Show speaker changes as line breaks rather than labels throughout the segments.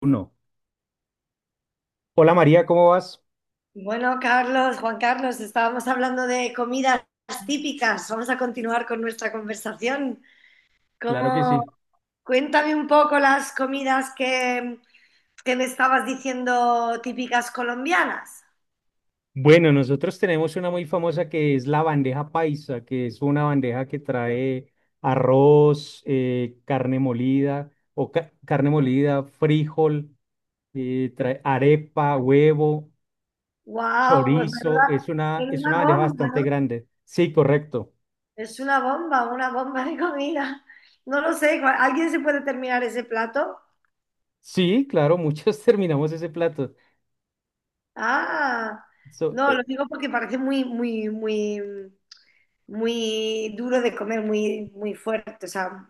Uno. Hola María, ¿cómo vas?
Bueno, Carlos, Juan Carlos, estábamos hablando de comidas típicas. Vamos a continuar con nuestra conversación.
Claro que
¿Cómo?
sí.
Cuéntame un poco las comidas que me estabas diciendo típicas colombianas.
Bueno, nosotros tenemos una muy famosa que es la bandeja paisa, que es una bandeja que trae arroz, carne molida o carne molida, frijol, trae arepa, huevo,
¡Wow! Pues
chorizo. Es
menuda,
una, es
menuda
una bandeja
bomba, ¿no?
bastante grande. Sí, correcto.
Es una bomba de comida. No lo sé, ¿alguien se puede terminar ese plato?
Sí, claro, muchos terminamos ese plato.
Ah,
So,
no, lo
eh,
digo porque parece muy, muy, muy, muy duro de comer, muy, muy fuerte, o sea,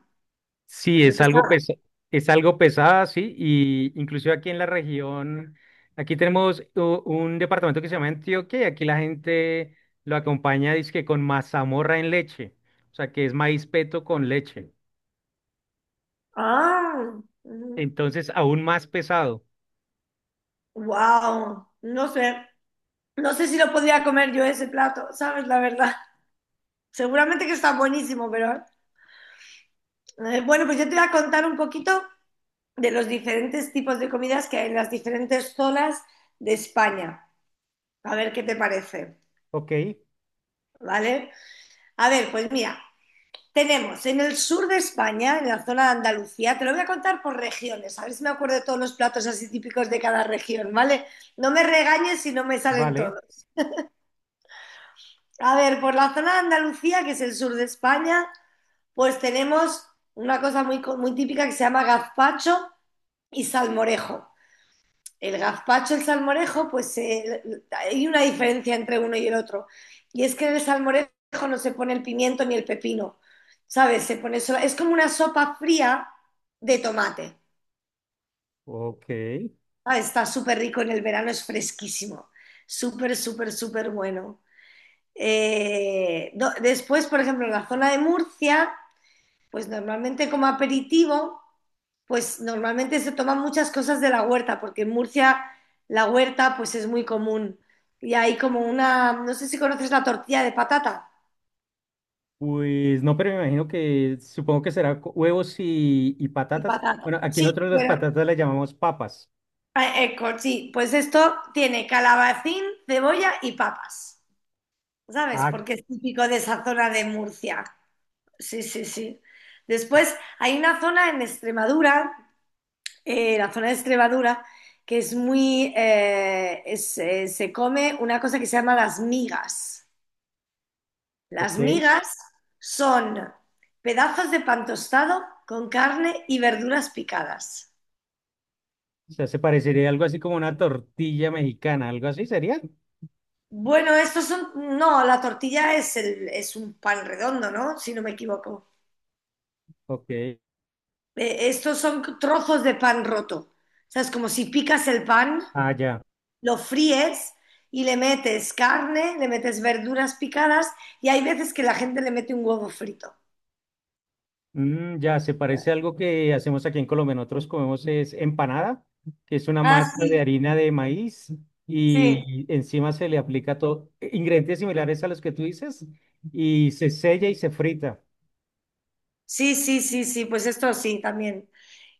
Sí,
muy
es algo
pesado.
pesa- es algo pesada, sí, y inclusive aquí en la región, aquí tenemos un departamento que se llama Antioquia y aquí la gente lo acompaña, dizque con mazamorra en leche, o sea, que es maíz peto con leche.
Ah,
Entonces, aún más pesado.
wow, no sé, no sé si lo podría comer yo ese plato, ¿sabes? La verdad, seguramente que está buenísimo, pero bueno, pues yo te voy a contar un poquito de los diferentes tipos de comidas que hay en las diferentes zonas de España. A ver qué te parece,
Ok,
¿vale? A ver, pues mira, tenemos en el sur de España, en la zona de Andalucía, te lo voy a contar por regiones, a ver si me acuerdo de todos los platos así típicos de cada región, ¿vale? No me regañes si no me salen
vale,
todos. A ver, por la zona de Andalucía, que es el sur de España, pues tenemos una cosa muy típica que se llama gazpacho y salmorejo. El gazpacho, el salmorejo, pues hay una diferencia entre uno y el otro. Y es que en el salmorejo no se pone el pimiento ni el pepino, ¿sabes? Es como una sopa fría de tomate.
ok.
¿Sabes? Está súper rico en el verano, es fresquísimo. Súper, súper, súper bueno. Después, por ejemplo, en la zona de Murcia, pues normalmente como aperitivo. Pues normalmente se toman muchas cosas de la huerta, porque en Murcia la huerta pues es muy común. Y hay como una, no sé si conoces la tortilla de patata.
Pues no, pero me imagino que supongo que será huevos y
Y
patatas. Bueno,
patata.
aquí nosotros
Sí,
las
pero
patatas las llamamos papas.
sí, pues esto tiene calabacín, cebolla y papas, ¿sabes?
Ah,
Porque es típico de esa zona de Murcia. Sí, sí, sí. Después hay una zona en Extremadura, la zona de Extremadura, que es se come una cosa que se llama las migas. Las
ok.
migas son pedazos de pan tostado con carne y verduras picadas.
O sea, se parecería algo así como una tortilla mexicana, algo así sería.
Bueno, estos son. No, la tortilla es, es un pan redondo, ¿no? Si no me equivoco.
Ok.
Estos son trozos de pan roto. O sea, es como si picas el pan,
Ah, ya.
lo fríes y le metes carne, le metes verduras picadas y hay veces que la gente le mete un huevo frito.
Mm, ya, se parece a algo que hacemos aquí en Colombia. Nosotros comemos es empanada, que es una
Ah,
masa de
sí,
harina de maíz
sí.
y encima se le aplica todo, ingredientes similares a los que tú dices y se sella y se frita.
Sí, sí, sí, sí, pues esto sí, también.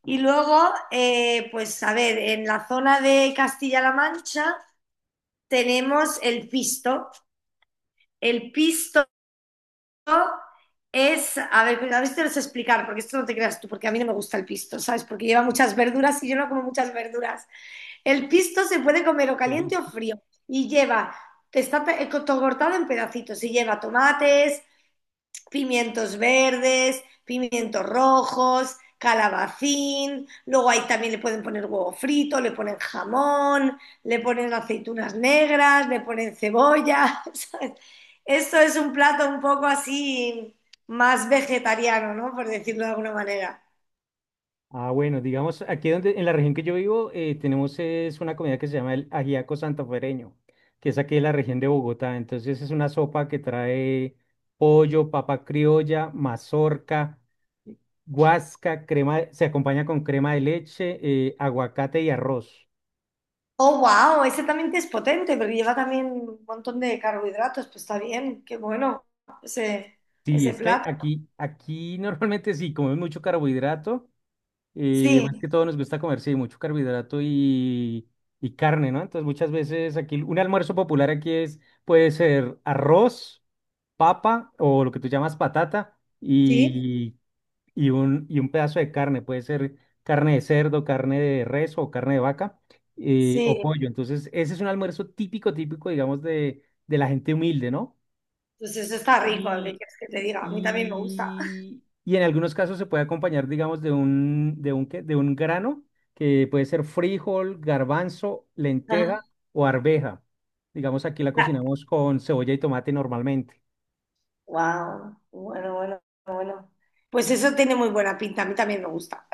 Y luego, pues a ver, en la zona de Castilla-La Mancha tenemos el pisto. El pisto es, a ver si te lo sé explicar, porque esto no te creas tú, porque a mí no me gusta el pisto, ¿sabes? Porque lleva muchas verduras y yo no como muchas verduras. El pisto se puede comer o caliente o
Ok.
frío y lleva, cortado en pedacitos y lleva tomates, pimientos verdes, pimientos rojos, calabacín, luego ahí también le pueden poner huevo frito, le ponen jamón, le ponen aceitunas negras, le ponen cebolla. ¿Sabes? Esto es un plato un poco así más vegetariano, ¿no? Por decirlo de alguna manera.
Ah, bueno, digamos, aquí donde, en la región que yo vivo, tenemos es una comida que se llama el ajiaco santafereño, que es aquí de la región de Bogotá. Entonces es una sopa que trae pollo, papa criolla, mazorca, guasca, crema, se acompaña con crema de leche, aguacate y arroz.
Oh, wow, ese también es potente, porque lleva también un montón de carbohidratos, pues está bien, qué bueno ese,
Sí,
ese
es que
plato.
aquí normalmente sí comemos mucho carbohidrato. Y más
Sí,
que todo nos gusta comer, sí, mucho carbohidrato y carne, ¿no? Entonces muchas veces aquí un almuerzo popular aquí es, puede ser arroz, papa o lo que tú llamas patata
sí,
y, y un pedazo de carne. Puede ser carne de cerdo, carne de res o carne de vaca o
sí.
pollo. Entonces ese es un almuerzo típico, típico, digamos, de la gente humilde, ¿no?
Pues eso está rico, ¿qué quieres que te diga? A mí también me gusta.
Y, y en algunos casos se puede acompañar, digamos, de un, ¿qué? De un grano que puede ser frijol, garbanzo,
Ajá.
lenteja o arveja. Digamos, aquí la cocinamos con cebolla y tomate normalmente.
Wow, bueno, bueno, bueno. Pues eso tiene muy buena pinta, a mí también me gusta.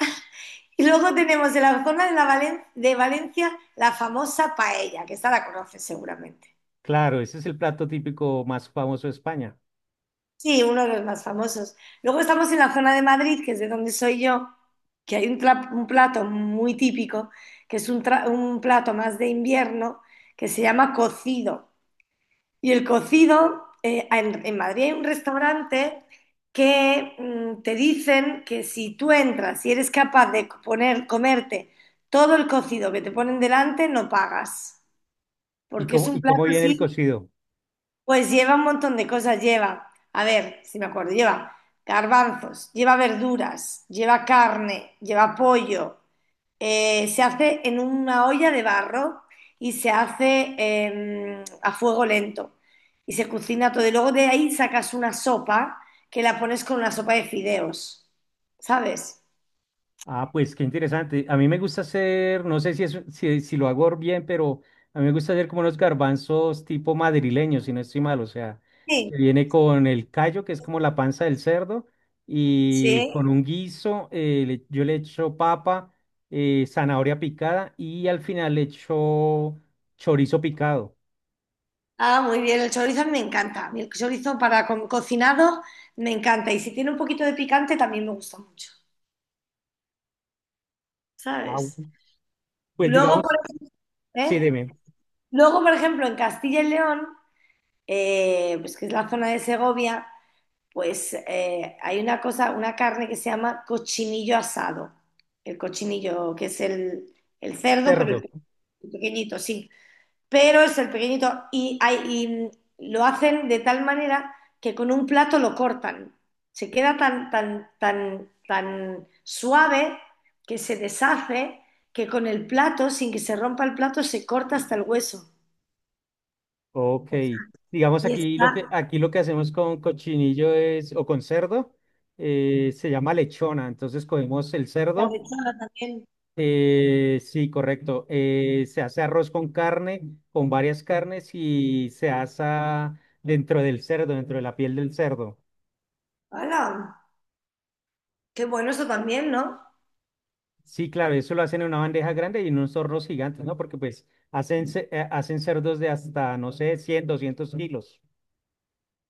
Y luego tenemos de la zona de, de Valencia la famosa paella, que esta la conoces seguramente.
Claro, ese es el plato típico más famoso de España.
Sí, uno de los más famosos. Luego estamos en la zona de Madrid, que es de donde soy yo, que hay un plato muy típico, que es un plato más de invierno, que se llama cocido. Y el cocido, en Madrid hay un restaurante que te dicen que si tú entras y eres capaz de comerte todo el cocido que te ponen delante, no pagas. Porque es un
Y
plato
cómo viene el
así,
cocido?
pues lleva un montón de cosas. Lleva, a ver, si me acuerdo, lleva garbanzos, lleva verduras, lleva carne, lleva pollo, se hace en una olla de barro y se hace a fuego lento y se cocina todo. Y luego de ahí sacas una sopa que la pones con una sopa de fideos, ¿sabes?
Ah, pues qué interesante. A mí me gusta hacer, no sé si, es, si, si lo hago bien, pero a mí me gusta hacer como unos garbanzos tipo madrileños, si no estoy mal. O sea,
Sí,
que viene con el callo, que es como la panza del cerdo, y
sí.
con un guiso, yo le echo papa, zanahoria picada y al final le echo chorizo picado.
Ah, muy bien, el chorizo a mí me encanta. A mí el chorizo para con cocinado me encanta. Y si tiene un poquito de picante también me gusta mucho,
Ah,
¿sabes?
pues
Luego, por,
digamos,
ej-
sí,
¿eh?
dime,
Luego, por ejemplo, en Castilla y León, pues que es la zona de Segovia, pues hay una cosa, una carne que se llama cochinillo asado. El cochinillo, que es el cerdo,
cerdo.
el pequeñito, sí. Pero es el pequeñito y lo hacen de tal manera que con un plato lo cortan. Se queda tan, tan, tan, tan suave que se deshace que con el plato, sin que se rompa el plato, se corta hasta el hueso.
Ok, digamos
Y está
aquí lo que hacemos con cochinillo es o con cerdo se llama lechona, entonces cogemos el
la
cerdo,
lechada también.
sí, correcto, se hace arroz con carne, con varias carnes y se asa dentro del cerdo, dentro de la piel del cerdo.
¡Hala! Qué bueno eso también, ¿no?
Sí, claro, eso lo hacen en una bandeja grande y en unos hornos gigantes, ¿no? Porque pues hacen cerdos de hasta no sé 100, 200 kilos.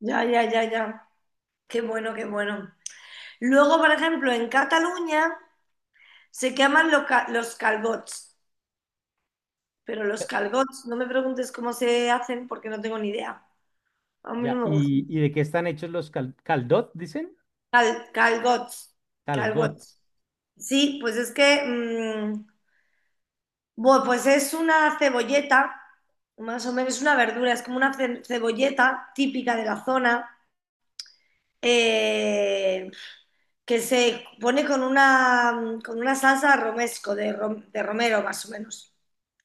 Ya, ya, ya, ya. Qué bueno, qué bueno. Luego, por ejemplo, en Cataluña se llaman lo ca- los calbots, pero los calbots. No me preguntes cómo se hacen porque no tengo ni idea. A mí no
Ya.
me gustan.
Y de qué están hechos los caldot, dicen?
Calgots,
Calgot.
calgots. Sí, pues es que, mm, bueno, pues es una cebolleta, más o menos una verdura, es como una cebolleta típica de la zona. Eh, que se pone con con una salsa romesco, de romero más o menos,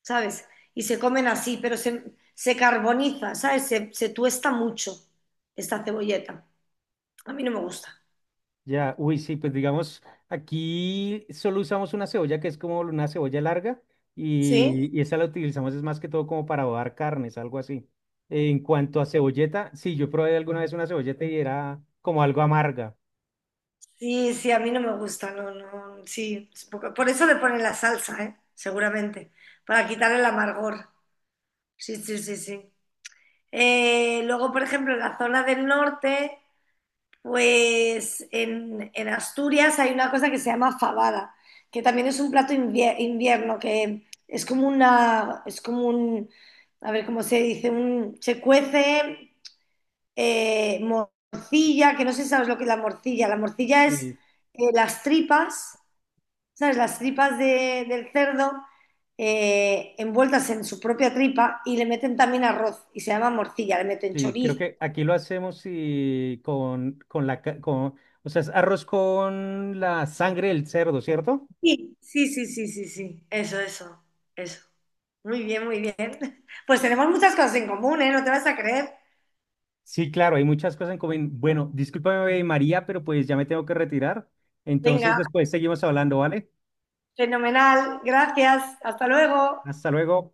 ¿sabes? Y se comen así, pero se carboniza, ¿sabes? Se tuesta mucho esta cebolleta. A mí no me gusta.
Ya, uy, sí, pues digamos, aquí solo usamos una cebolla que es como una cebolla larga
¿Sí?
y esa la utilizamos es más que todo como para adobar carnes, algo así. En cuanto a cebolleta, sí, yo probé alguna vez una cebolleta y era como algo amarga.
Sí, sí, a mí no me gusta, no, no, sí. Por eso le ponen la salsa, ¿eh? Seguramente, para quitar el amargor. Sí, sí, sí, sí. Luego, por ejemplo, en la zona del norte pues en Asturias hay una cosa que se llama fabada, que también es un plato invierno, que es como una, es como un, a ver cómo se dice, un, se cuece morcilla, que no sé si sabes lo que es la morcilla. La morcilla es
Y,
las tripas, ¿sabes? Las tripas del cerdo envueltas en su propia tripa y le meten también arroz y se llama morcilla, le meten
sí, creo
chorizo.
que aquí lo hacemos y con, con, o sea, es arroz con la sangre del cerdo, ¿cierto?
Sí, sí, sí, sí, sí, sí. Eso, eso, eso. Muy bien, muy bien. Pues tenemos muchas cosas en común, ¿eh? No te vas a creer.
Sí, claro, hay muchas cosas en común. Bueno, discúlpame, María, pero pues ya me tengo que retirar. Entonces
Venga,
después seguimos hablando, ¿vale?
fenomenal. Gracias. Hasta luego.
Hasta luego.